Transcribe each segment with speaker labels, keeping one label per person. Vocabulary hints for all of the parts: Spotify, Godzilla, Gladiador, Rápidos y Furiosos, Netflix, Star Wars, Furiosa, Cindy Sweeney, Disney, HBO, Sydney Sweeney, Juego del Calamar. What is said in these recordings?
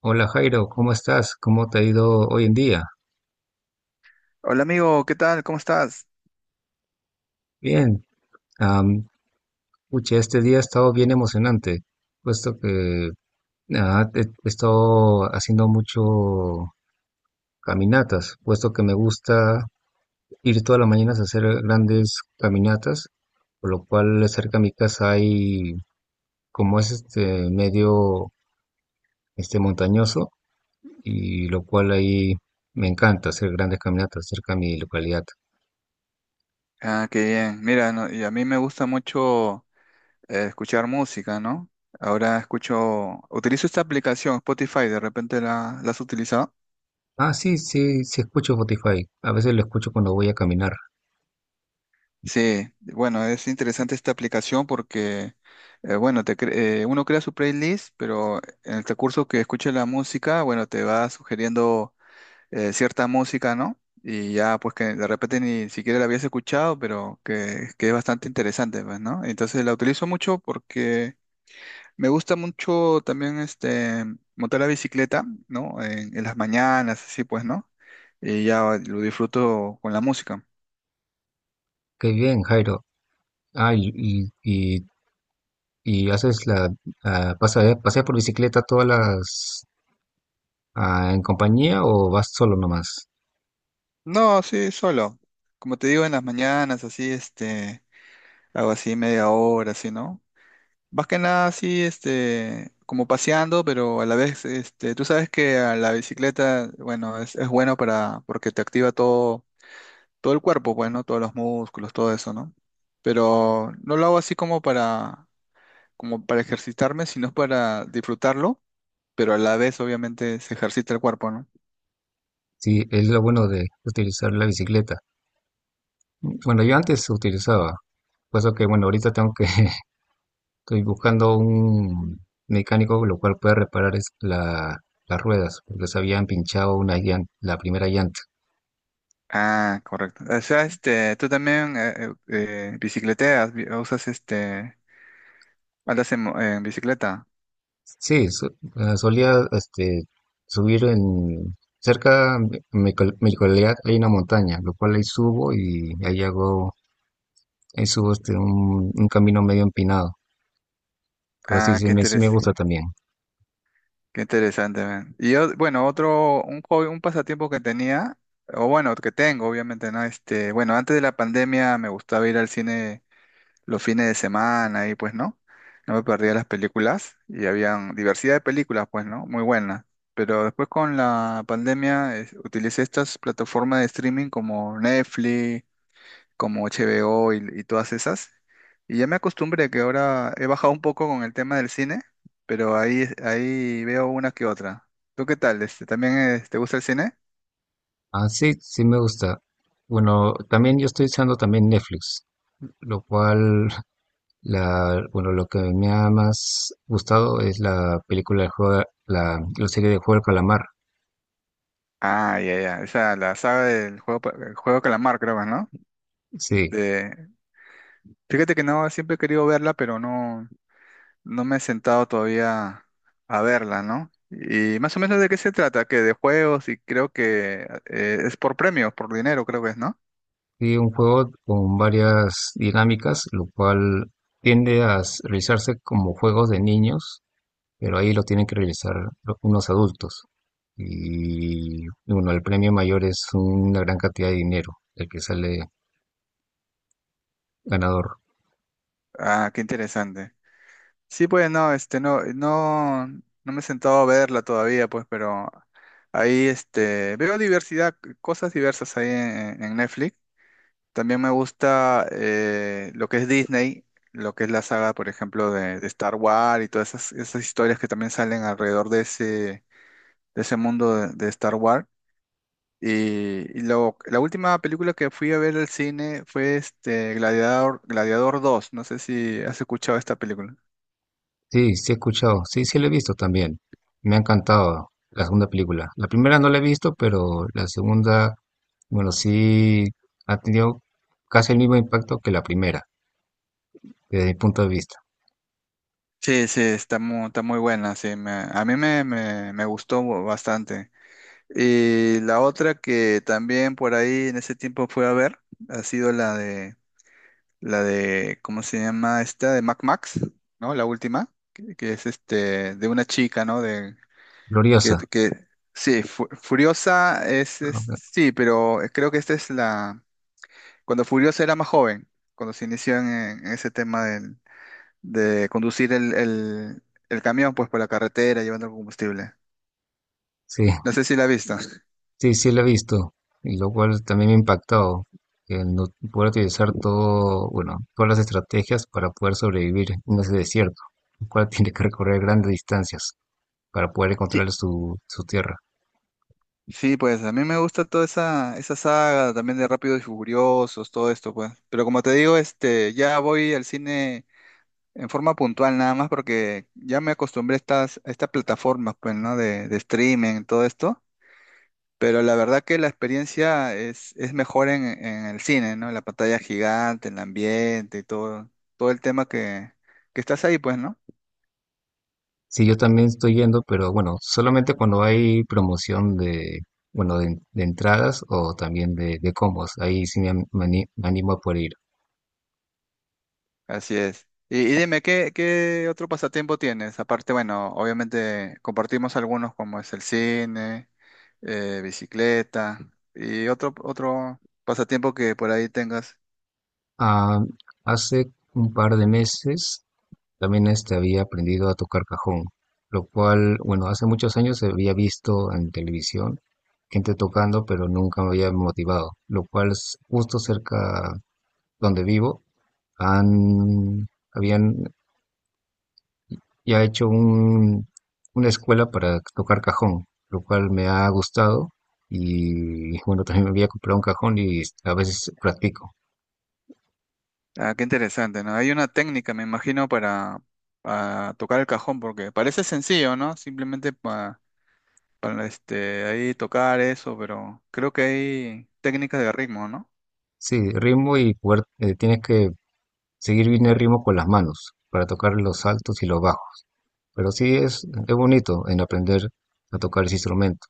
Speaker 1: Hola Jairo, ¿cómo estás? ¿Cómo te ha ido hoy en día?
Speaker 2: Hola amigo, ¿qué tal? ¿Cómo estás?
Speaker 1: Bien. Am, Pucha, este día ha estado bien emocionante, puesto que he estado haciendo mucho caminatas, puesto que me gusta ir todas las mañanas a hacer grandes caminatas, por lo cual cerca de mi casa hay, como es este medio, este montañoso, y lo cual ahí me encanta hacer grandes caminatas cerca de mi localidad.
Speaker 2: Ah, qué bien. Mira, no, y a mí me gusta mucho escuchar música, ¿no? Ahora escucho, utilizo esta aplicación, Spotify, ¿de repente la has utilizado?
Speaker 1: Ah, sí, sí, sí escucho Spotify. A veces lo escucho cuando voy a caminar.
Speaker 2: Sí, bueno, es interesante esta aplicación porque, bueno, uno crea su playlist, pero en el recurso que escuche la música, bueno, te va sugiriendo cierta música, ¿no? Y ya, pues que de repente ni siquiera la habías escuchado, pero que es bastante interesante, pues, ¿no? Entonces la utilizo mucho porque me gusta mucho también este, montar la bicicleta, ¿no? En las mañanas, así pues, ¿no? Y ya lo disfruto con la música.
Speaker 1: Qué bien, Jairo. Ah, y, y, y- ¿Y haces paseas por bicicleta en compañía o vas solo nomás?
Speaker 2: No, sí, solo. Como te digo, en las mañanas, así, este, hago así media hora, así, ¿no? Más que nada así, este, como paseando, pero a la vez, este, tú sabes que a la bicicleta, bueno, es bueno para, porque te activa todo, todo el cuerpo, bueno, todos los músculos, todo eso, ¿no? Pero no lo hago así como para, como para ejercitarme, sino para disfrutarlo, pero a la vez, obviamente, se ejercita el cuerpo, ¿no?
Speaker 1: Sí, es lo bueno de utilizar la bicicleta. Bueno, yo antes utilizaba, puesto que, bueno, ahorita tengo que, estoy buscando un mecánico lo cual pueda reparar es la, las ruedas, porque se habían pinchado una llan- la primera llanta.
Speaker 2: Ah, correcto. O sea, este, tú también bicicleteas, usas este, en bicicleta.
Speaker 1: Sí, solía este subir en... Cerca de mi, col- mi localidad hay una montaña, lo cual ahí subo y ahí hago, ahí subo este, un camino medio empinado, pero sí,
Speaker 2: Ah, qué
Speaker 1: sí me
Speaker 2: interesante.
Speaker 1: gusta también.
Speaker 2: Qué interesante, man. Y yo, bueno, un hobby, un pasatiempo que tenía, o bueno, que tengo, obviamente, ¿no? Este, bueno, antes de la pandemia me gustaba ir al cine los fines de semana y pues, ¿no? No me perdía las películas y habían diversidad de películas, pues, ¿no? Muy buenas. Pero después con la pandemia utilicé estas plataformas de streaming como Netflix, como HBO y todas esas. Y ya me acostumbré que ahora he bajado un poco con el tema del cine, pero ahí veo una que otra. ¿Tú qué tal? Este, ¿también te gusta el cine?
Speaker 1: Ah, sí, sí me gusta. Bueno, también yo estoy usando también Netflix, lo cual, la, bueno, lo que me ha más gustado es la película de juego, la serie de Juego del Calamar.
Speaker 2: Ah, ya, ya. Esa, la saga del juego, el juego Calamar, creo, ¿no?
Speaker 1: Sí,
Speaker 2: De- fíjate que no, siempre he querido verla, pero no, no me he sentado todavía a verla, ¿no? Y más o menos de qué se trata, que de juegos y creo que es por premios, por dinero, creo que es, ¿no?
Speaker 1: sí, un juego con varias dinámicas, lo cual tiende a s- realizarse como juegos de niños, pero ahí lo tienen que realizar lo- unos adultos. Y bueno, el premio mayor es una gran cantidad de dinero, el que sale ganador.
Speaker 2: Ah, qué interesante. Sí, pues no, este, no me he sentado a verla todavía, pues, pero ahí, este, veo diversidad, cosas diversas ahí en Netflix. También me gusta lo que es Disney, lo que es la saga, por ejemplo, de Star Wars y todas esas, esas historias que también salen alrededor de ese mundo de Star Wars. Y la última película que fui a ver al cine fue este Gladiador, Gladiador dos. No sé si has escuchado esta película.
Speaker 1: Sí, sí he escuchado, sí, sí lo he visto también. Me ha encantado la segunda película. La primera no la he visto, pero la segunda, bueno, sí ha tenido casi el mismo impacto que la primera, desde mi punto de vista.
Speaker 2: Sí, sí, está está muy buena, sí, a mí me gustó bastante. Y la otra que también por ahí en ese tiempo fue a ver, ha sido la de, ¿cómo se llama esta? De Mac Max, ¿no? La última, que es este, de una chica, ¿no? De, que,
Speaker 1: Gloriosa,
Speaker 2: que, sí, Furiosa es,
Speaker 1: ¿no?
Speaker 2: sí, pero creo que esta es la, cuando Furiosa era más joven, cuando se inició en ese tema de conducir el camión pues por la carretera llevando el combustible.
Speaker 1: Sí,
Speaker 2: No sé si la has visto.
Speaker 1: sí, sí lo he visto, y lo cual también me ha impactado, el no poder utilizar todo, bueno, todas las estrategias para poder sobrevivir en ese desierto, el cual tiene que recorrer grandes distancias para poder
Speaker 2: Sí,
Speaker 1: encontrar su, su tierra.
Speaker 2: sí, pues a mí me gusta toda esa, esa saga también de Rápidos y Furiosos, todo esto, pues. Pero como te digo, este, ya voy al cine en forma puntual nada más porque ya me acostumbré a estas plataformas, pues, ¿no? De streaming, todo esto. Pero la verdad que la experiencia es mejor en el cine, ¿no? En la pantalla gigante, en el ambiente y todo, todo el tema que estás ahí, pues, ¿no?
Speaker 1: Sí, yo también estoy yendo, pero bueno, solamente cuando hay promoción de, bueno, de entradas o también de combos, ahí sí me, ani- me animo a poder ir.
Speaker 2: Así es. Y dime, ¿qué otro pasatiempo tienes? Aparte, bueno, obviamente compartimos algunos como es el cine, bicicleta y otro pasatiempo que por ahí tengas.
Speaker 1: Ah, hace un par de meses también este había aprendido a tocar cajón, lo cual, bueno, hace muchos años había visto en televisión gente tocando, pero nunca me había motivado, lo cual es justo cerca donde vivo, han, habían ya hecho un, una escuela para tocar cajón, lo cual me ha gustado y bueno, también me había comprado un cajón y a veces practico.
Speaker 2: Ah, qué interesante, ¿no? Hay una técnica, me imagino, para tocar el cajón, porque parece sencillo, ¿no? Simplemente para este, ahí tocar eso, pero creo que hay técnicas de ritmo, ¿no?
Speaker 1: Sí, ritmo y poder, tienes que seguir bien el ritmo con las manos para tocar los altos y los bajos. Pero sí es bonito en aprender a tocar ese instrumento,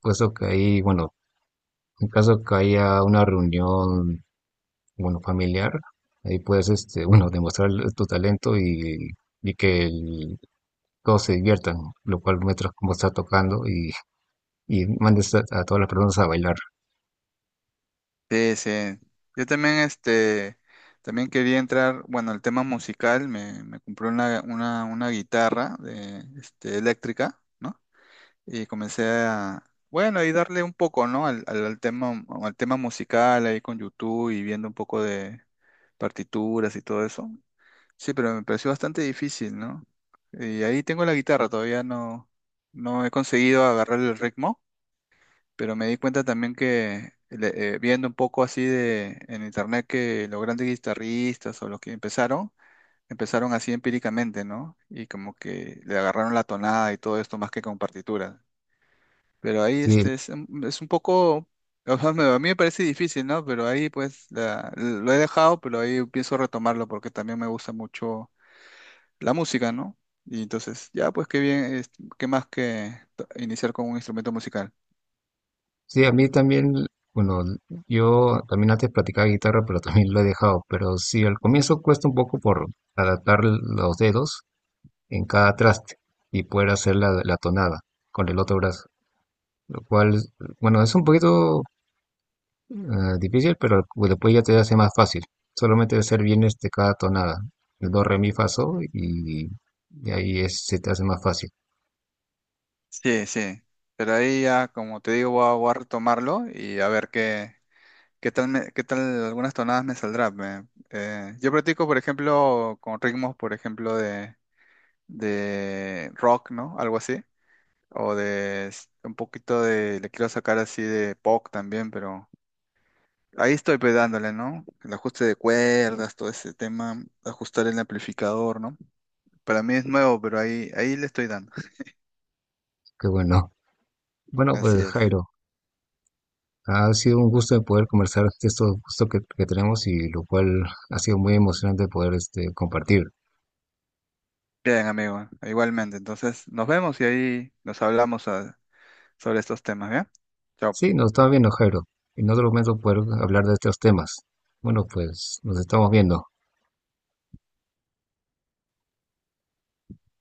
Speaker 1: puesto que ahí, bueno, en caso que haya una reunión, bueno, familiar, ahí puedes, este, bueno, demostrar tu talento y que todos se diviertan, lo cual muestras cómo estás tocando y mandes a todas las personas a bailar.
Speaker 2: Sí, sí. Yo también, este, también quería entrar, bueno, el tema musical, me compré una guitarra de, este, eléctrica, ¿no? Y comencé a, bueno, y darle un poco, ¿no? Al tema musical ahí con YouTube y viendo un poco de partituras y todo eso. Sí, pero me pareció bastante difícil, ¿no? Y ahí tengo la guitarra, todavía no, no he conseguido agarrar el ritmo pero me di cuenta también viendo un poco así de en internet que los grandes guitarristas o los que empezaron, empezaron así empíricamente, ¿no? Y como que le agarraron la tonada y todo esto más que con partituras. Pero ahí
Speaker 1: Sí,
Speaker 2: este es un poco, o sea, a mí me parece difícil, ¿no? Pero ahí pues lo he dejado, pero ahí pienso retomarlo porque también me gusta mucho la música, ¿no? Y entonces, ya pues qué bien, qué más que iniciar con un instrumento musical.
Speaker 1: sí, a mí también, bueno, yo también antes practicaba guitarra, pero también lo he dejado, pero sí, al comienzo cuesta un poco por adaptar los dedos en cada traste y poder hacer la, la tonada con el otro brazo. Lo cual, bueno, es un poquito eh, difícil, pero pues, después ya te hace más fácil. Solamente hacer bien este, cada tonada. El do, re, mi, fa, sol y ahí es, se te hace más fácil.
Speaker 2: Sí, sí. Pero ahí ya, como te digo, voy a retomarlo y a ver qué, qué tal algunas tonadas me saldrán. Yo practico, por ejemplo, con ritmos, por ejemplo, de rock, ¿no? Algo así. O un poquito de, le quiero sacar así de pop también, pero ahí estoy pedándole, ¿no? El ajuste de cuerdas, todo ese tema, ajustar el amplificador, ¿no? Para mí es nuevo, pero ahí le estoy dando.
Speaker 1: Qué bueno. Bueno,
Speaker 2: Así
Speaker 1: pues
Speaker 2: es.
Speaker 1: Jairo, ha sido un gusto poder conversar de estos gustos que tenemos y lo cual ha sido muy emocionante poder este, compartir.
Speaker 2: Bien, amigo, igualmente. Entonces, nos vemos y ahí nos hablamos sobre estos temas, ¿bien? Chao.
Speaker 1: Sí, nos está viendo Jairo. En otro momento poder hablar de estos temas. Bueno, pues nos estamos viendo.